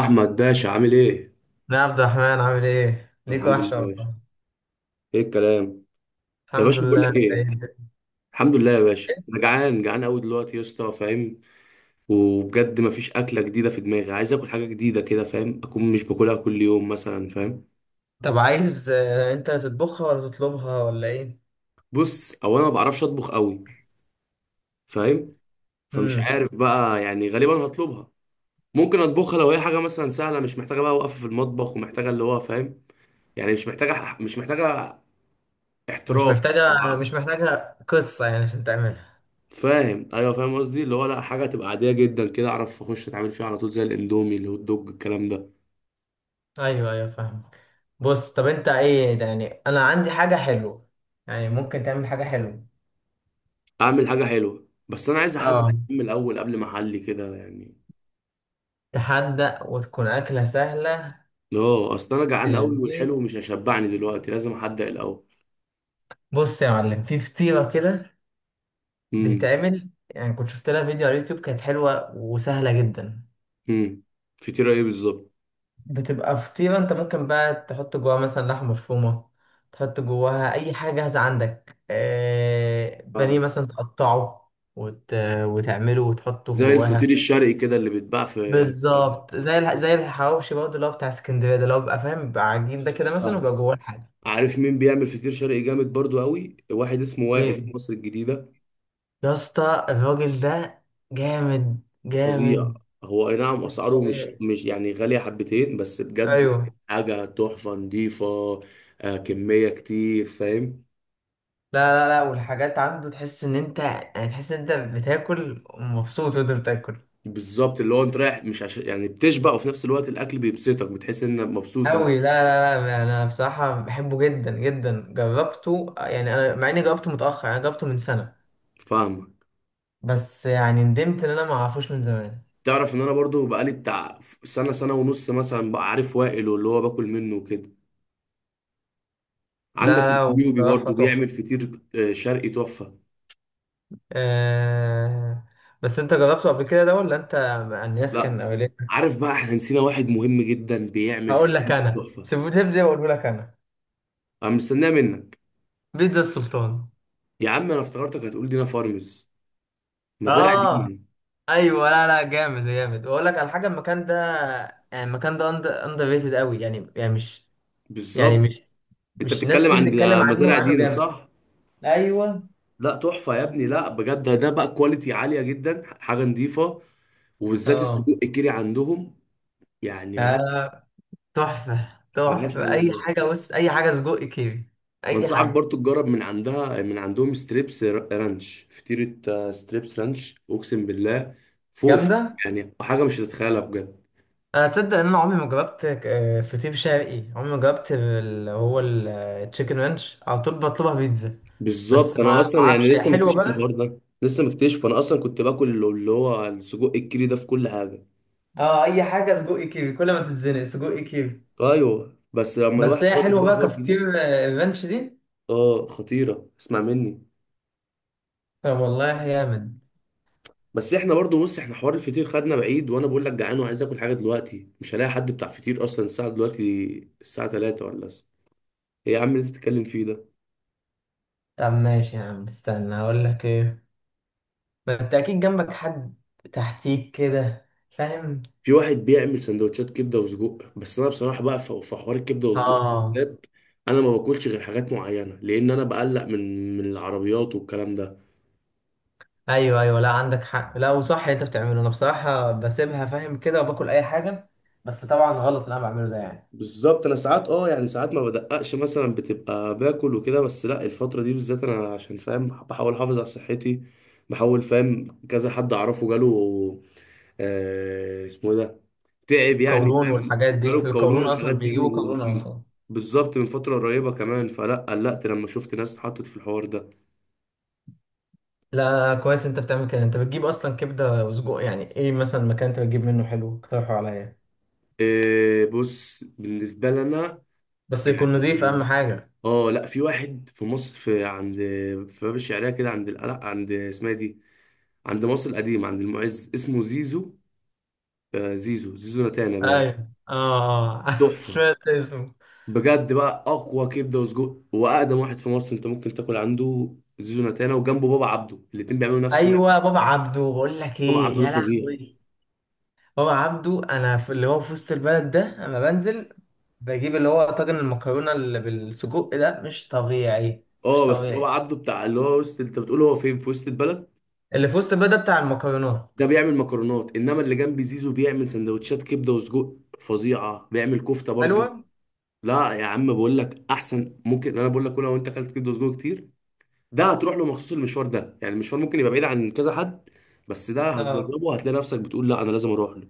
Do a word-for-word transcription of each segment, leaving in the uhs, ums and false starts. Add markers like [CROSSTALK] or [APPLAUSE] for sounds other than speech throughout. احمد باشا عامل ايه؟ لا يا عبد الرحمن، عامل ايه؟ ليك الحمد لله وحشة يا باشا. والله. ايه الكلام؟ يا الحمد باشا بقول لله، لك انت ايه، ايه؟ الحمد لله يا باشا. انا جعان جعان قوي دلوقتي يا اسطى، فاهم؟ وبجد مفيش اكله جديده في دماغي، عايز اكل حاجه جديده كده، فاهم؟ اكون مش باكلها كل يوم مثلا، فاهم؟ طب عايز آه، انت تطبخها ولا تطلبها ولا ايه؟ بص، او انا ما بعرفش اطبخ قوي، فاهم؟ فمش امم عارف بقى، يعني غالبا هطلبها. ممكن اطبخها لو هي حاجه مثلا سهله، مش محتاجه بقى وقفه في المطبخ ومحتاجه اللي هو فاهم، يعني مش محتاجه مش محتاجه مش احتراف. محتاجة، مش محتاجة قصة يعني عشان تعملها. فاهم، ايوه، فاهم قصدي اللي هو لا، حاجه تبقى عاديه جدا كده، اعرف اخش اتعامل فيها على طول، زي الاندومي، الهوت دوج، الكلام ده. ايوه ايوه، فاهمك. بص، طب انت ايه ده؟ يعني انا عندي حاجة حلوة، يعني ممكن تعمل حاجة حلوة. اعمل حاجه حلوه، بس انا عايز حد اه، من الاول قبل ما احلي كده يعني. تحدق وتكون أكلة سهلة. اه، اصل انا في جعان قوي البيت. والحلو مش هيشبعني دلوقتي، لازم احدق الاول. بص يا معلم، في فطيرة كده امم. بتتعمل، يعني كنت شفت لها فيديو على اليوتيوب، كانت حلوة وسهلة جدا. امم. فطيره ايه بالظبط؟ بتبقى فطيرة انت ممكن بقى تحط جواها مثلا لحمة مفرومة، تحط جواها اي حاجة جاهزة عندك، آه بانيه فاهم، مثلا تقطعه وت... وتعمله وتحطه زي الفطير جواها. الشرقي كده اللي بيتباع في. بالظبط زي الح... زي الحواوشي برضه اللي هو بتاع اسكندرية ده، اللي هو بيبقى فاهم بيبقى عجين ده كده مثلا فاهم. ويبقى جواه الحاجة. عارف مين بيعمل فطير شرقي جامد برضو قوي؟ واحد اسمه وائل في مين؟ مصر الجديده. يا اسطى الراجل ده جامد فظيع. جامد، هو اي نعم مش اسعاره مش طبيعي. مش يعني غاليه حبتين، بس بجد ايوه. حاجه تحفه نضيفه. آه، كميه كتير، فاهم. لا لا لا، والحاجات عنده تحس ان انت يعني تحس ان انت بتاكل مبسوط وانت بتاكل. بالظبط، اللي هو انت رايح مش عشان يعني بتشبع، وفي نفس الوقت الاكل بيبسطك، بتحس انك مبسوط انك. أوي. لا لا، لا أنا بصراحة بحبه جدا جدا، جربته يعني، أنا مع إني جربته متأخر، أنا جربته من سنة، فاهمك. بس يعني ندمت إن أنا ما أعرفوش من زمان. تعرف ان انا برضو بقالي بتاع سنه سنه ونص مثلا بقى عارف وائل، واللي هو باكل منه وكده. عندك لا لا، النيوبي بصراحة برضو تحفة. بيعمل فطير آه، شرقي تحفه. آه. بس أنت جربته قبل كده ده ولا أنت مع الناس كان لا. أولين؟ عارف بقى احنا نسينا واحد مهم جدا بيعمل هقول لك فطير أنا، تحفه. سيبوني تبدأ وأقوله لك أنا. انا مستناه منك. بيتزا السلطان. يا عم انا افتكرتك هتقول دينا فارمز، مزارع آه، دينا. أيوه. لا لا، جامد جامد، وأقول لك على حاجة. المكان ده، يعني المكان ده أندر ريتد أوي، يعني يعني مش يعني بالظبط. مش، انت مش ناس بتتكلم كتير عن بتتكلم عنه، مزارع وعنه دينا جامد. صح؟ ايوه. لا تحفه يا ابني، لا بجد، ده ده بقى كواليتي عاليه جدا، حاجه نظيفه. وبالذات اه. السجق الكيري عندهم، يعني ملهاش. آه، تحفة. ملهاش تحفة حل أي بجد. حاجة، بص أي حاجة سجق كيري، أي وانصحك حاجة. برضو تجرب من عندها، من عندهم، ستريبس رانش فطيره. آه، ستريبس رانش، اقسم بالله فوق فوق. جامدة. يعني حاجه مش هتتخيلها بجد. أنا تصدق إن أنا عمري ما جربت آه، فطير شرقي؟ عمري ما جربت اللي هو التشيكن رانش، على طول بطلبها بيتزا، بس بالظبط، ما انا ما اصلا يعني أعرفش هي لسه حلوة مكتشف الحوار بقى. ده، لسه مكتشف. انا اصلا كنت باكل اللي هو السجق الكيري ده في كل حاجه. اه، أي حاجة سجق كيري، كل ما تتزنق سجق كيري. ايوه، بس لما بس الواحد هي جرب حلوة بقى بقى حوار جديد. كفطير آه، الرانش دي؟ اه خطيره، اسمع مني. طب والله جامد. بس احنا برضو، بص احنا حوار الفطير خدنا بعيد، وانا بقول لك جعان وعايز اكل حاجه دلوقتي، مش هلاقي حد بتاع فطير اصلا الساعه دلوقتي. الساعه تلاتة ولا الس- ايه يا عم اللي أنت بتتكلم فيه ده؟ طب ماشي يا عم، استنى هقول لك إيه. ما انت اكيد جنبك حد، تحتيك كده، فاهم. في واحد بيعمل سندوتشات كبده وسجق، بس انا بصراحه بقى في في حوار الكبده والسجق ده اه. بالذات انا ما باكلش غير حاجات معينه، لان انا بقلق من من العربيات والكلام ده. ايوه ايوه، لا عندك حق، لا وصح اللي انت بتعمله. انا بصراحه بسيبها فاهم كده وباكل اي حاجه، بس طبعا غلط اللي انا بعمله ده يعني. بالظبط، انا ساعات اه يعني ساعات ما بدققش مثلا، بتبقى باكل وكده، بس لا، الفتره دي بالذات انا عشان فاهم بحاول احافظ على صحتي. بحاول، فاهم، كذا حد اعرفه جاله آه، اسمه إيه ده، تعب يعني، القولون فاهم. والحاجات دي، جاله القولون القولون اصلا والحاجات دي بيجيبوا و... قولون اصلا. بالظبط، من فتره قريبه كمان، فلا قلقت لما شفت ناس اتحطت في الحوار ده. لا كويس انت بتعمل كده. انت بتجيب اصلا كبده وسجق يعني، ايه مثلا مكان انت بتجيب منه حلو اقترحه عليا، إيه، بص بالنسبة لنا بس يكون يعني، نضيف اهم حاجه. اه لا، في واحد في مصر، في عند، في باب الشعرية كده، عند القلق، عند اسمها إيه دي، عند مصر القديمة، عند المعز، اسمه زيزو. آه، زيزو، زيزو نتانا باين. ايوه. اه. [LAUGHS] اه. تحفة، سمعت اسمه. بجد بقى أقوى كبدة وسجق وأقدم واحد في مصر أنت ممكن تاكل عنده، زيزو نتانا. وجنبه بابا عبده، الاتنين بيعملوا نفس النوع. ايوه، بابا عبده، بقول لك بابا ايه عبده ده يا فظيع. لهوي. بابا عبده انا في اللي هو في وسط البلد ده، انا بنزل بجيب اللي هو طاجن المكرونه اللي بالسجق ده، مش طبيعي مش اه، بس بابا طبيعي. عبده بتاع اللي هو وسط، انت بتقول هو فين في وسط البلد اللي في وسط البلد ده بتاع المكرونات. ده؟ بيعمل مكرونات، انما اللي جنب زيزو بيعمل سندوتشات كبده وسجق فظيعه، بيعمل كفته برضو. حلوه. لا يا عم، بقول لك احسن، ممكن انا بقول لك كل، لو انت اكلت كبده وسجق كتير، ده هتروح له مخصوص، المشوار ده يعني المشوار ممكن يبقى بعيد عن كذا حد، بس ده اه، هتجربه، هتلاقي نفسك بتقول لا، انا لازم اروح له.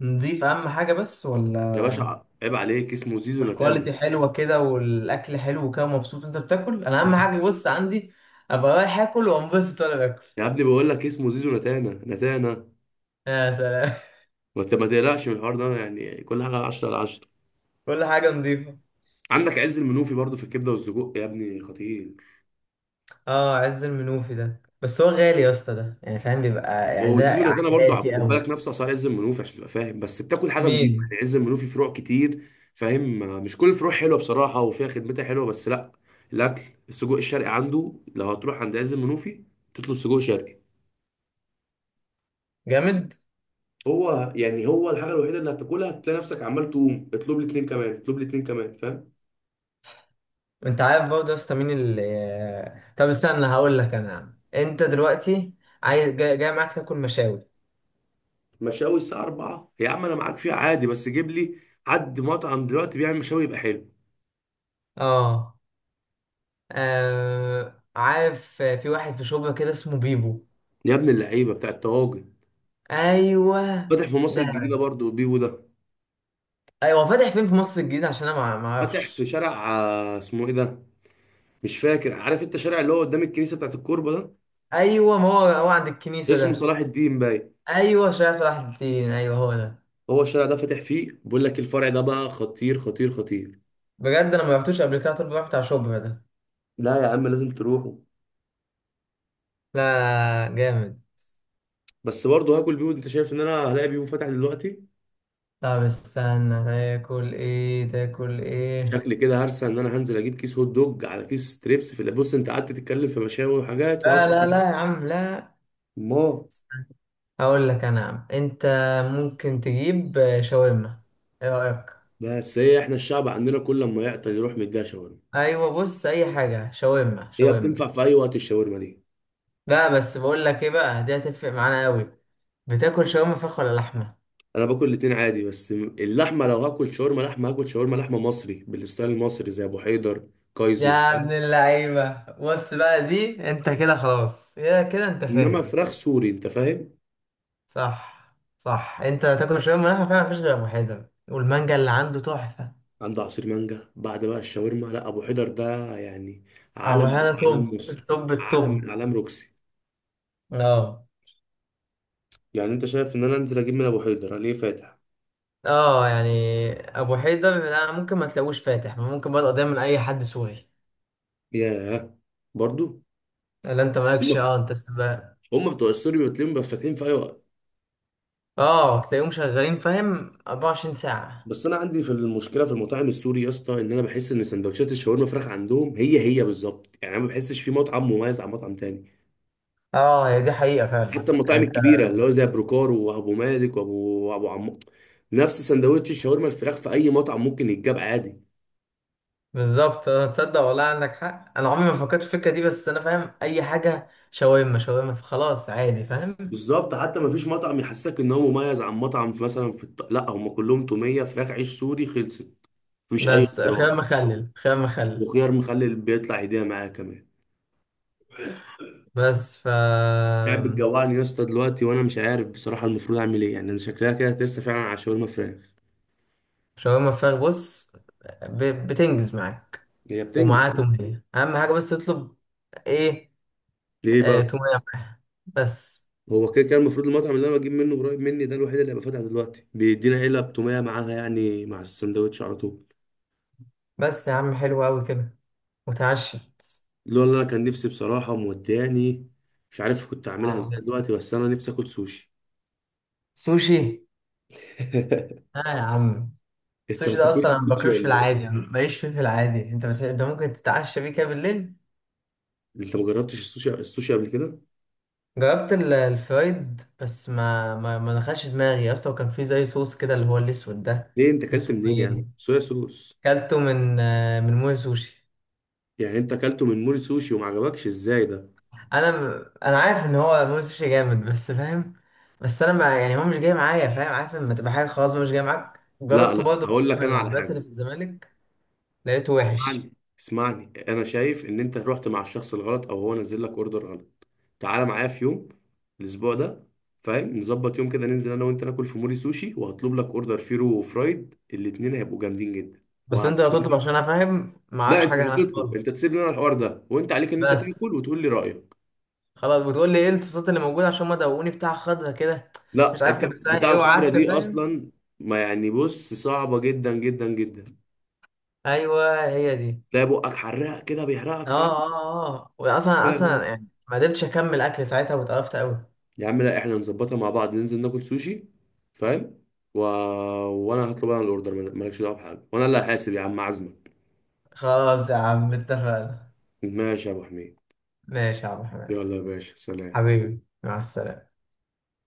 نضيف اهم حاجه بس ولا؟ يا باشا عيب عليك، اسمه زيزو نتانا. والكواليتي حلوه كده والاكل حلو كده، ومبسوط انت بتاكل. انا اهم حاجه، بص عندي، ابقى رايح اكل وانبسط وانا باكل. يا ابني بقول لك اسمه زيزو نتانا، نتانا. يا سلام. ما ت- ما تقلقش من الحوار ده، يعني كل حاجه عشرة على عشرة. [LAUGHS] كل حاجه نضيفه. عندك عز المنوفي برضو في الكبده والسجق يا ابني، خطير. اه عز المنوفي ده، بس هو غالي يا اسطى ده، يعني فاهم بيبقى يعني ده وزيزو اللي برضه عف- عائلاتي خد قوي. بالك نفسه اسعار عز المنوفي، عشان تبقى فاهم، بس بتاكل حاجه نضيفه. مين؟ يعني عز المنوفي فروع كتير، فاهم، مش كل الفروع حلوه بصراحه وفيها خدمتها حلوه، بس لا، الاكل، السجق الشرقي عنده، لو هتروح عند عز المنوفي تطلب سجق شرقي. جامد. هو يعني هو الحاجه الوحيده اللي هتاكلها، هتلاقي نفسك عمال تقوم اطلب لي اتنين كمان، اطلب لي اتنين كمان، فاهم. انت عارف برضه يا اسطى مين اللي، طب استنى هقول لك انا يا عم. انت دلوقتي عايز جاي، جاي معاك تاكل مشاوي. مشاوي الساعه أربعة يا عم، انا معاك فيها عادي، بس جيب لي حد مطعم دلوقتي بيعمل مشاوي يبقى حلو. اه. آه، عارف في واحد في شبرا كده اسمه بيبو. يا ابن اللعيبه بتاع الطواجن. ايوه فاتح في مصر ده. الجديده برضه بيبو ده. ايوه فاتح فين في مصر الجديدة؟ عشان انا ما ما فاتح في اعرفش. شارع آه، اسمه ايه ده، مش فاكر. عارف انت الشارع اللي هو قدام الكنيسه بتاعت الكوربه؟ ايوه، ما هو هو عند ده الكنيسة اسمه ده. صلاح الدين باين. ايوه شارع صلاح الدين، ايوه هو ده. هو الشارع ده فاتح فيه، بقول لك الفرع ده بقى خطير خطير خطير. بجد انا ما رحتوش قبل كده، طب رحت على شبرا ده؟ لا يا عم، لازم تروحوا. لا جامد. بس برضه هاكل بيهو؟ انت شايف ان انا هلاقي بيهو فاتح دلوقتي؟ طب استنى، تاكل ايه تاكل ايه؟ شكلي كده هرسى ان انا هنزل اجيب كيس هوت دوج على كيس تريبس في اللي-، بص انت قعدت تتكلم في مشاوي وحاجات لا لا وهاكل. لا يا عم، لا. ما. هقول لك انا يا عم، انت ممكن تجيب آه، شاورما، ايه رايك؟ بس هي احنا الشعب عندنا، كل لما يعطل يروح مديها شاورما. ايوه بص، اي حاجه شاورما هي شاورما. بتنفع في اي وقت الشاورما دي. لا بس بقول لك ايه بقى، دي هتفرق معانا قوي. بتاكل شاورما فراخ ولا لحمه؟ انا باكل الاتنين عادي، بس م- اللحمه لو هاكل شاورما لحمه، هاكل شاورما لحمه مصري بالستايل المصري زي ابو حيدر، كايزو، يا ابن فاهم. اللعيبه، بص بقى دي، انت كده خلاص يا كده انت انما فاهم. فراخ سوري، انت فاهم. صح صح، انت هتاكل شاورما لحمه، فعلا مفيش غير ابو حيدر والمانجا اللي عنده تحفه. عند عصير مانجا بعد بقى الشاورما، لا ابو حيدر ده يعني ابو علم حيدر من اعلام توب مصر، التوب علم التوب. من اعلام روكسي. اه. يعني انت شايف ان انا انزل اجيب من ابو حيدر؟ ليه فاتح؟ اه، يعني ابو حيدر لا ممكن ما تلاقوش فاتح، ممكن بدأ دايما اي حد سوري. ياه. برضو لا انت هم مالكش، اه انت السباق. هم بتوع السوري بتلاقيهم بقى فاتحين في اي وقت. اه، تلاقيهم شغالين فاهم أربعة وعشرين ساعة. بس انا عندي في المشكله في المطاعم السوري يا اسطى، ان انا بحس ان سندوتشات الشاورما فراخ عندهم هي هي بالظبط، يعني انا ما بحسش في مطعم مميز عن مطعم تاني. اه هي دي حقيقة فعلا. حتى يعني المطاعم انت الكبيره اللي هو زي بروكار وابو مالك وابو ابو عم، نفس سندوتش الشاورما الفراخ في اي مطعم ممكن يتجاب عادي. بالظبط. آه، تصدق والله عندك حق، انا عمري ما فكرت في الفكرة دي، بس انا فاهم اي حاجة شاورما شاورما فخلاص عادي فاهم. بالظبط، حتى ما فيش مطعم يحسسك ان هو مميز عن مطعم، في مثلا في الط... لا، هم كلهم توميه فراخ عيش سوري، خلصت. مفيش اي بس خيار اختراع. مخلل، خيار مخلل. وخيار مخلل بيطلع هديه معاه كمان. بس ف قاعد بتجوعني يا اسطى دلوقتي، وانا مش عارف بصراحه المفروض اعمل ايه. يعني انا شكلها كده لسه فعلا على شاورما فراخ. شاورما فراخ. بص، ب- بتنجز معاك. هي ومعاه بتنجز. تومية، أهم حاجة بس تطلب. إيه؟ ليه آه، بقى؟ تومية معاها بس. هو كده كده المفروض المطعم اللي انا بجيب منه قريب مني ده الوحيد اللي هيبقى فاتح دلوقتي، بيدينا علب توميه معاها يعني مع السندوتش على طول. بس يا عم حلو أوي كده، وتعشت. اللي هو، اللي انا كان نفسي بصراحه وموداني، مش عارف كنت اعملها ازاي آه. دلوقتي، بس انا نفسي اكل سوشي. سوشي. [LAUGHS] آه يا عم. انت ما السوشي ده أصلا بتاكلش أنا ما السوشي باكلوش في ولا ايه؟ العادي، ما بقيش فيه في العادي، أنت بت... أنت ممكن تتعشى بيه كده بالليل. انت ما جربتش السوشي، السوشي قبل كده؟ جربت ال- الفرايد، بس ما ما, ما دخلش دماغي أصلا، وكان فيه زي صوص كده اللي هو الأسود ده. ليه، انت اكلت اسمه منين يا عم إيه؟ صويا صوص؟ كلته من آه، من موي سوشي. يعني انت اكلته من مول سوشي وما عجبكش؟ ازاي ده! انا انا عارف ان هو موسيقى جامد بس فاهم، بس انا ما يعني هو مش جاي معايا فاهم، عارف لما تبقى حاجه خلاص بقى مش جاي معاك. لا جربته لا، برضه مرة هقول لك من انا على العربيات اللي حاجه. في الزمالك، لقيته وحش. اسمعني، اسمعني، انا شايف ان انت رحت مع الشخص الغلط، او هو نزل لك اوردر غلط. تعالى معايا في يوم الاسبوع ده، فاهم، نظبط يوم كده ننزل انا وانت ناكل في موري سوشي، وهطلب لك اوردر فيرو وفرايد، الاتنين هيبقوا جامدين جدا. بس انت لو وهتقول تطلب، لي، عشان انا فاهم ما لا اعرفش انت مش حاجه هناك هتطلب، انت خالص. تسيب لنا الحوار ده، وانت عليك ان انت بس تاكل وتقول لي رايك. خلاص، بتقول لي ايه الصوصات اللي موجوده، عشان ما دوقوني بتاع خضرا كده، مش لا عارف انت كان اسمها بتاع ايه، الخضره وقعدت دي فاهم. اصلا. ما يعني بص، صعبه جدا جدا جدا، ايوه هي دي. تلاقي بقك حراق كده، بيحرقك. اه اه اه، واصلا اصلا فاهم. يعني ما قدرتش اكمل اكل ساعتها، واتقرفت قوي. يا عم لا، احنا نظبطها مع بعض ننزل ناكل سوشي، فاهم، و... وانا هطلب انا الاوردر، مالكش دعوه بحاجه، وانا اللي هحاسب، يا عم عزمك. خلاص يا عم، اتفقنا. ماشي يا ابو حميد. ماشي يا عم حماد. يلا يا باشا، سلام. حبيبي، مع السلامة.